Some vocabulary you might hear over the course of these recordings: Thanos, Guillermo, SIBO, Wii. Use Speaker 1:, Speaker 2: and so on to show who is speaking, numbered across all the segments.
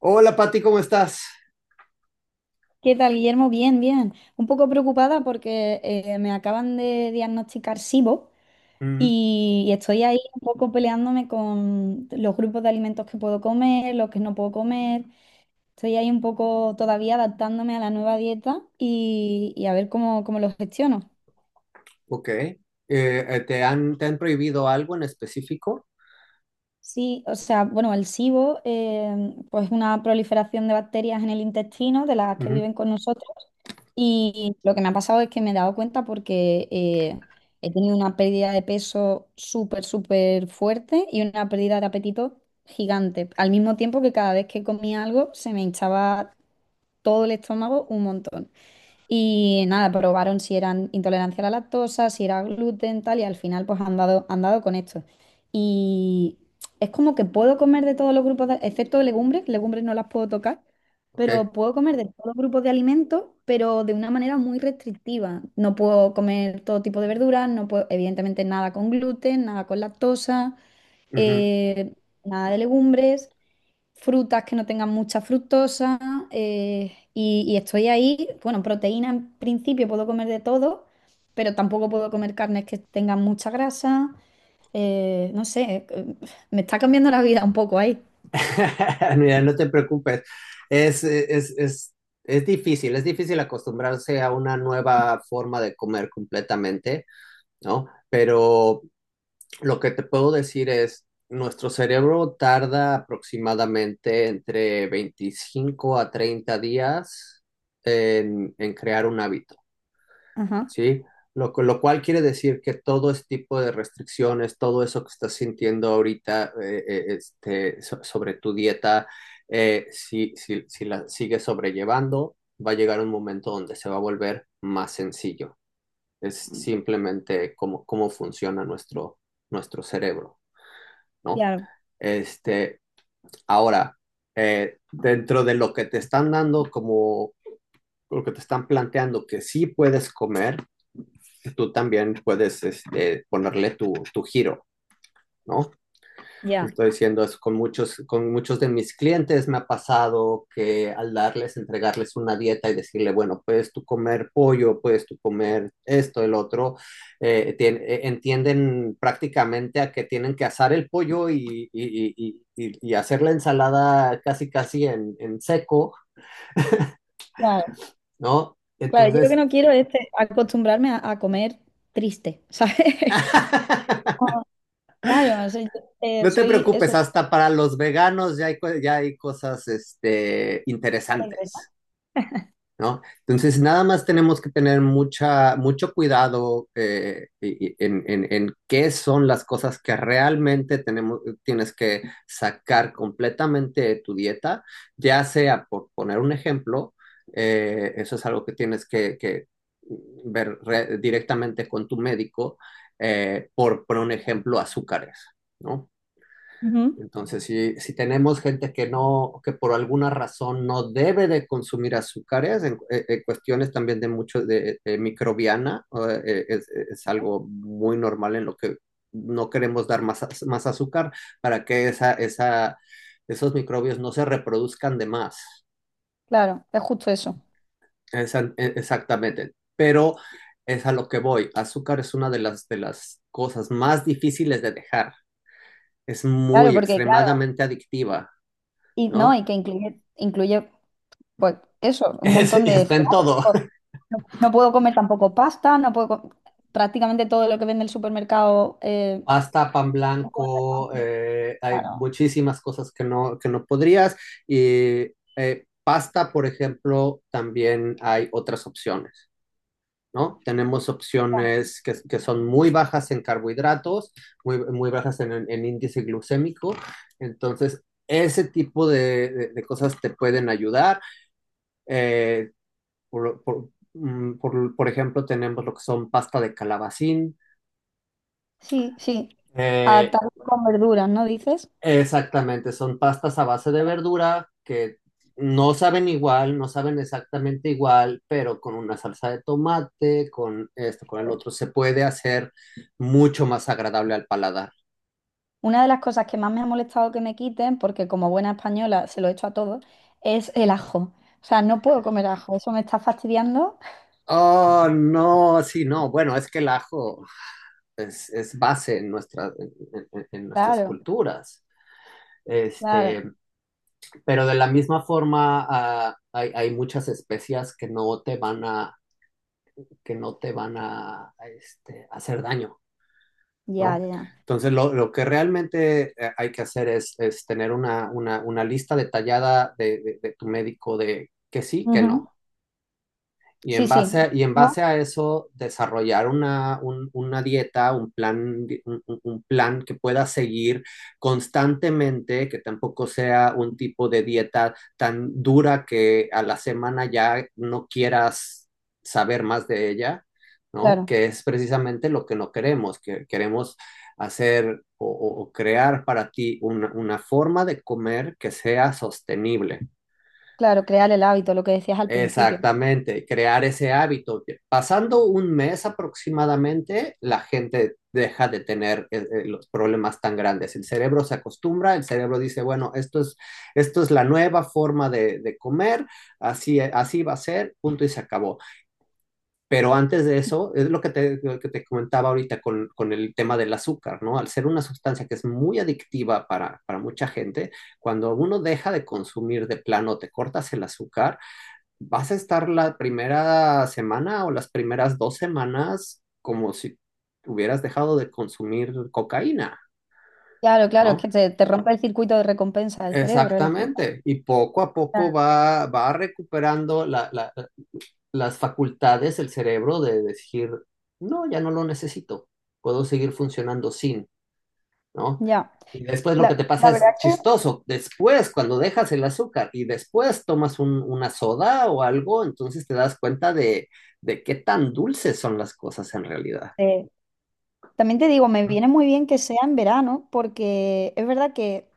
Speaker 1: Hola, Pati, ¿cómo estás?
Speaker 2: ¿Qué tal, Guillermo? Bien, bien. Un poco preocupada porque me acaban de diagnosticar SIBO
Speaker 1: Ujú.
Speaker 2: y estoy ahí un poco peleándome con los grupos de alimentos que puedo comer, los que no puedo comer. Estoy ahí un poco todavía adaptándome a la nueva dieta y a ver cómo, cómo lo gestiono.
Speaker 1: Ok. ¿Te han prohibido algo en específico?
Speaker 2: Sí, o sea, bueno, el SIBO pues es una proliferación de bacterias en el intestino, de las que
Speaker 1: Ujú.
Speaker 2: viven con nosotros. Y lo que me ha pasado es que me he dado cuenta porque he tenido una pérdida de peso súper, súper fuerte y una pérdida de apetito gigante. Al mismo tiempo que cada vez que comía algo se me hinchaba todo el estómago un montón. Y nada, probaron si eran intolerancia a la lactosa, si era gluten, tal, y al final pues han dado con esto. Y es como que puedo comer de todos los grupos, excepto de legumbres, legumbres no las puedo tocar,
Speaker 1: Ok.
Speaker 2: pero puedo comer de todos los grupos de alimentos, pero de una manera muy restrictiva. No puedo comer todo tipo de verduras, no puedo, evidentemente nada con gluten, nada con lactosa,
Speaker 1: Ujú.
Speaker 2: eh, nada de legumbres, frutas que no tengan mucha fructosa, y estoy ahí. Bueno, proteína en principio puedo comer de todo, pero tampoco puedo comer carnes que tengan mucha grasa. No sé, me está cambiando la vida un poco ahí.
Speaker 1: Mira, no te preocupes. Es, es, es, es difícil, es difícil acostumbrarse a una nueva forma de comer completamente, ¿no? Pero lo que te puedo decir es, nuestro cerebro tarda aproximadamente entre 25 a 30 días en crear un hábito.
Speaker 2: Ajá,
Speaker 1: Sí, lo cual quiere decir que todo este tipo de restricciones, todo eso que estás sintiendo ahorita sobre tu dieta, si la sigues sobrellevando, va a llegar un momento donde se va a volver más sencillo. Es simplemente cómo funciona nuestro cerebro, ¿no?
Speaker 2: claro,
Speaker 1: Este, ahora, dentro de lo que te están dando como lo que te están planteando que sí puedes comer, tú también puedes este, ponerle tu giro, ¿no?
Speaker 2: ya.
Speaker 1: Estoy diciendo eso con con muchos de mis clientes me ha pasado que al darles, entregarles una dieta y decirle, bueno, puedes tú comer pollo, puedes tú comer esto, el otro, entienden prácticamente a que tienen que asar el pollo y hacer la ensalada casi en seco,
Speaker 2: Claro,
Speaker 1: ¿no?
Speaker 2: claro, yo lo que
Speaker 1: Entonces...
Speaker 2: no quiero es acostumbrarme a comer triste, ¿sabes? Como, claro, o sea, yo,
Speaker 1: No te
Speaker 2: soy
Speaker 1: preocupes,
Speaker 2: eso,
Speaker 1: hasta para los veganos ya ya hay cosas este,
Speaker 2: alegre, ¿no?
Speaker 1: interesantes, ¿no? Entonces, nada más tenemos que tener mucha, mucho cuidado en qué son las cosas que realmente tenemos, tienes que sacar completamente de tu dieta, ya sea, por poner un ejemplo, eso es algo que que directamente con tu médico, por un ejemplo, azúcares, ¿no?
Speaker 2: Ujú,
Speaker 1: Entonces, si tenemos gente que no, que por alguna razón no debe de consumir azúcares, cuestiones también de de microbiana, es algo muy normal en lo que no queremos dar más, más azúcar para que esos microbios no se reproduzcan de más.
Speaker 2: claro, es justo eso.
Speaker 1: Exactamente. Pero es a lo que voy. Azúcar es una de de las cosas más difíciles de dejar. Es
Speaker 2: Claro,
Speaker 1: muy
Speaker 2: porque claro,
Speaker 1: extremadamente adictiva,
Speaker 2: y no,
Speaker 1: ¿no?
Speaker 2: y que incluye, incluye pues eso, un montón de
Speaker 1: Está
Speaker 2: cereales.
Speaker 1: en todo.
Speaker 2: No, no puedo comer tampoco pasta, no puedo prácticamente todo lo que vende el supermercado.
Speaker 1: Pasta, pan blanco, hay
Speaker 2: Claro.
Speaker 1: muchísimas cosas que que no podrías. Y pasta, por ejemplo, también hay otras opciones, ¿no? Tenemos
Speaker 2: Claro.
Speaker 1: opciones que son muy bajas en carbohidratos, muy bajas en, en índice glucémico. Entonces, ese tipo de, de cosas te pueden ayudar. Eh, por ejemplo, tenemos lo que son pasta de calabacín.
Speaker 2: Sí, sí.
Speaker 1: Eh,
Speaker 2: Atado con verduras, ¿no dices?
Speaker 1: Exactamente, son pastas a base de verdura que no saben igual, no saben exactamente igual, pero con una salsa de tomate, con esto, con el otro, se puede hacer mucho más agradable al paladar.
Speaker 2: Una de las cosas que más me ha molestado que me quiten, porque como buena española se lo echo a todos, es el ajo. O sea, no puedo comer ajo, eso me está fastidiando.
Speaker 1: Oh, no, sí, no. Bueno, es que el ajo es base en nuestras
Speaker 2: Claro,
Speaker 1: culturas.
Speaker 2: claro,
Speaker 1: Este, pero de la misma forma, ah, hay muchas especias que no que no te van a, este, hacer daño.
Speaker 2: ya, ya.
Speaker 1: ¿No?
Speaker 2: Ya.
Speaker 1: Entonces, lo que realmente hay que hacer es tener una lista detallada de, de tu médico de que sí, que
Speaker 2: Ujú.
Speaker 1: no. Y
Speaker 2: Sí, sí.
Speaker 1: y en base
Speaker 2: ¿No?
Speaker 1: a eso, desarrollar una dieta, un plan, di- un plan que pueda seguir constantemente, que tampoco sea un tipo de dieta tan dura que a la semana ya no quieras saber más de ella, ¿no?
Speaker 2: Claro,
Speaker 1: Que es precisamente lo que no queremos, que queremos hacer o crear para ti una forma de comer que sea sostenible.
Speaker 2: claro, crear el hábito, lo que decías al principio.
Speaker 1: Exactamente, crear ese hábito. Pasando un mes aproximadamente, la gente deja de tener los problemas tan grandes. El cerebro se acostumbra, el cerebro dice, bueno, esto es la nueva forma de comer, así va a ser, punto y se acabó. Pero antes de eso, es lo que te comentaba ahorita con el tema del azúcar, ¿no? Al ser una sustancia que es muy adictiva para mucha gente, cuando uno deja de consumir de plano, te cortas el azúcar, vas a estar la primera semana o las primeras dos semanas como si hubieras dejado de consumir cocaína,
Speaker 2: Claro, claro, es que
Speaker 1: ¿no?
Speaker 2: te rompe el circuito de recompensa del cerebro, el azúcar.
Speaker 1: Exactamente. Y poco a poco
Speaker 2: Ya.
Speaker 1: va recuperando las facultades, el cerebro de decir, no, ya no lo necesito, puedo seguir funcionando sin. ¿No?
Speaker 2: Ya.
Speaker 1: Y después lo que te
Speaker 2: La,
Speaker 1: pasa
Speaker 2: la verdad
Speaker 1: es
Speaker 2: que
Speaker 1: chistoso. Después, cuando dejas el azúcar y después tomas una soda o algo, entonces te das cuenta de qué tan dulces son las cosas en realidad.
Speaker 2: eh, también te digo, me
Speaker 1: ¿No?
Speaker 2: viene muy bien que sea en verano, porque es verdad que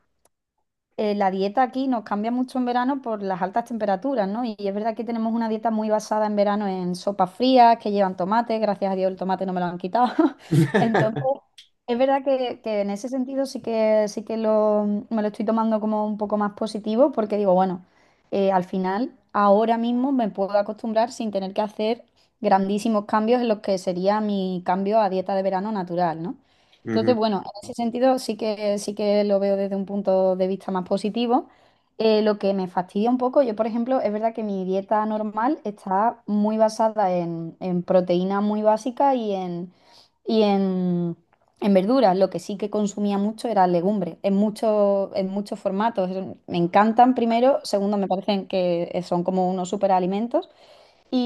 Speaker 2: la dieta aquí nos cambia mucho en verano por las altas temperaturas, ¿no? Y es verdad que tenemos una dieta muy basada en verano en sopas frías que llevan tomate, gracias a Dios el tomate no me lo han quitado. Entonces, es verdad que en ese sentido sí que lo, me lo estoy tomando como un poco más positivo porque digo, bueno, al final ahora mismo me puedo acostumbrar sin tener que hacer grandísimos cambios en lo que sería mi cambio a dieta de verano natural, ¿no? Entonces,
Speaker 1: Ujú,
Speaker 2: bueno, en ese sentido sí que lo veo desde un punto de vista más positivo. Lo que me fastidia un poco, yo por ejemplo, es verdad que mi dieta normal está muy basada en proteína muy básica y en, en verduras. Lo que sí que consumía mucho era legumbres, en, en muchos formatos. Me encantan primero, segundo, me parecen que son como unos superalimentos.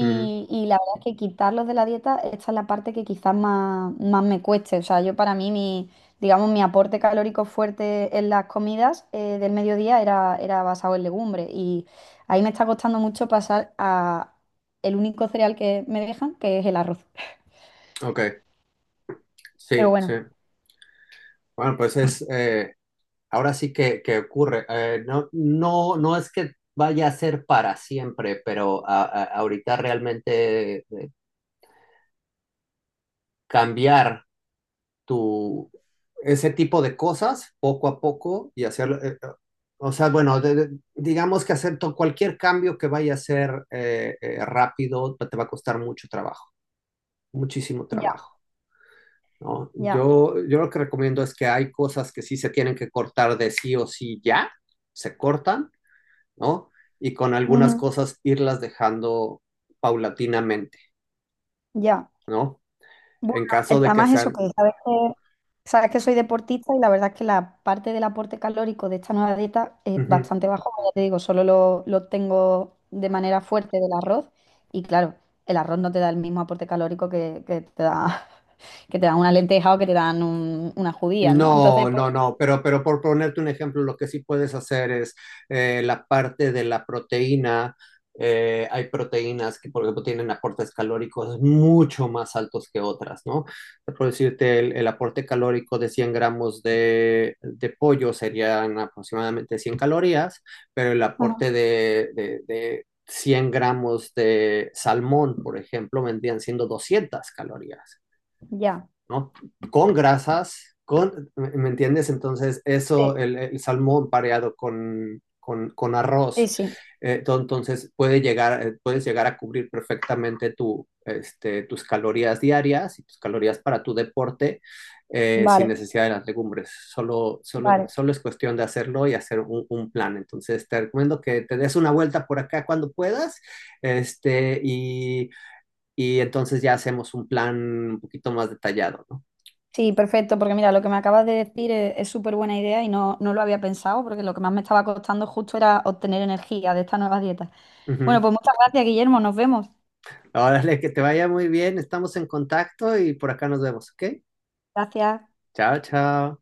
Speaker 1: ujú.
Speaker 2: Y la verdad es que quitarlos de la dieta, esta es la parte que quizás más, más me cueste. O sea, yo para mí, mi, digamos, mi aporte calórico fuerte en las comidas del mediodía era, era basado en legumbres. Y ahí me está costando mucho pasar a el único cereal que me dejan, que es el arroz.
Speaker 1: Ok,
Speaker 2: Pero
Speaker 1: sí, sí.
Speaker 2: bueno,
Speaker 1: Bueno, pues es, ahora sí que ocurre. No es que vaya a ser para siempre, pero ahorita realmente cambiar tu, ese tipo de cosas poco a poco y hacer, o sea, bueno, digamos que hacer cualquier cambio que vaya a ser rápido te va a costar mucho trabajo, muchísimo
Speaker 2: ya,
Speaker 1: trabajo, ¿no?
Speaker 2: ya,
Speaker 1: Yo lo que recomiendo es que hay cosas que sí se tienen que cortar de sí o sí ya, se cortan, ¿no? Y con algunas
Speaker 2: ujú,
Speaker 1: cosas irlas dejando paulatinamente,
Speaker 2: ya.
Speaker 1: ¿no?
Speaker 2: Bueno,
Speaker 1: En caso de que
Speaker 2: además eso
Speaker 1: sean...
Speaker 2: que sabes que soy deportista y la verdad es que la parte del aporte calórico de esta nueva dieta es
Speaker 1: Ujú.
Speaker 2: bastante bajo, como ya te digo, solo lo tengo de manera fuerte del arroz y claro, el arroz no te da el mismo aporte calórico que te da que te dan una lenteja o que te dan unas judías, ¿no?
Speaker 1: No,
Speaker 2: Entonces, pues,
Speaker 1: no, no, pero por ponerte un ejemplo, lo que sí puedes hacer es la parte de la proteína. Hay proteínas que, por ejemplo, tienen aportes calóricos mucho más altos que otras, ¿no? Por decirte, el aporte calórico de 100 gramos de pollo serían aproximadamente 100 calorías, pero el
Speaker 2: ajá,
Speaker 1: aporte de 100 gramos de salmón, por ejemplo, vendrían siendo 200 calorías.
Speaker 2: ya.
Speaker 1: ¿No? Con grasas, con, ¿me entiendes? Entonces,
Speaker 2: Sí,
Speaker 1: eso, el salmón pareado con arroz,
Speaker 2: sí, sí.
Speaker 1: entonces puede llegar, puedes llegar a cubrir perfectamente tu, este, tus calorías diarias y tus calorías para tu deporte sin
Speaker 2: Vale,
Speaker 1: necesidad de las legumbres.
Speaker 2: vale.
Speaker 1: Solo es cuestión de hacerlo y hacer un, plan. Entonces te recomiendo que te des una vuelta por acá cuando puedas este, y entonces ya hacemos un plan un poquito más detallado. ¿No?
Speaker 2: Sí, perfecto, porque mira, lo que me acabas de decir es súper buena idea y no, no lo había pensado, porque lo que más me estaba costando justo era obtener energía de esta nueva dieta. Bueno,
Speaker 1: Ujú.
Speaker 2: pues muchas gracias, Guillermo, nos vemos.
Speaker 1: Órale, que te vaya muy bien. Estamos en contacto y por acá nos vemos, ¿ok?
Speaker 2: Gracias.
Speaker 1: Chao, chao.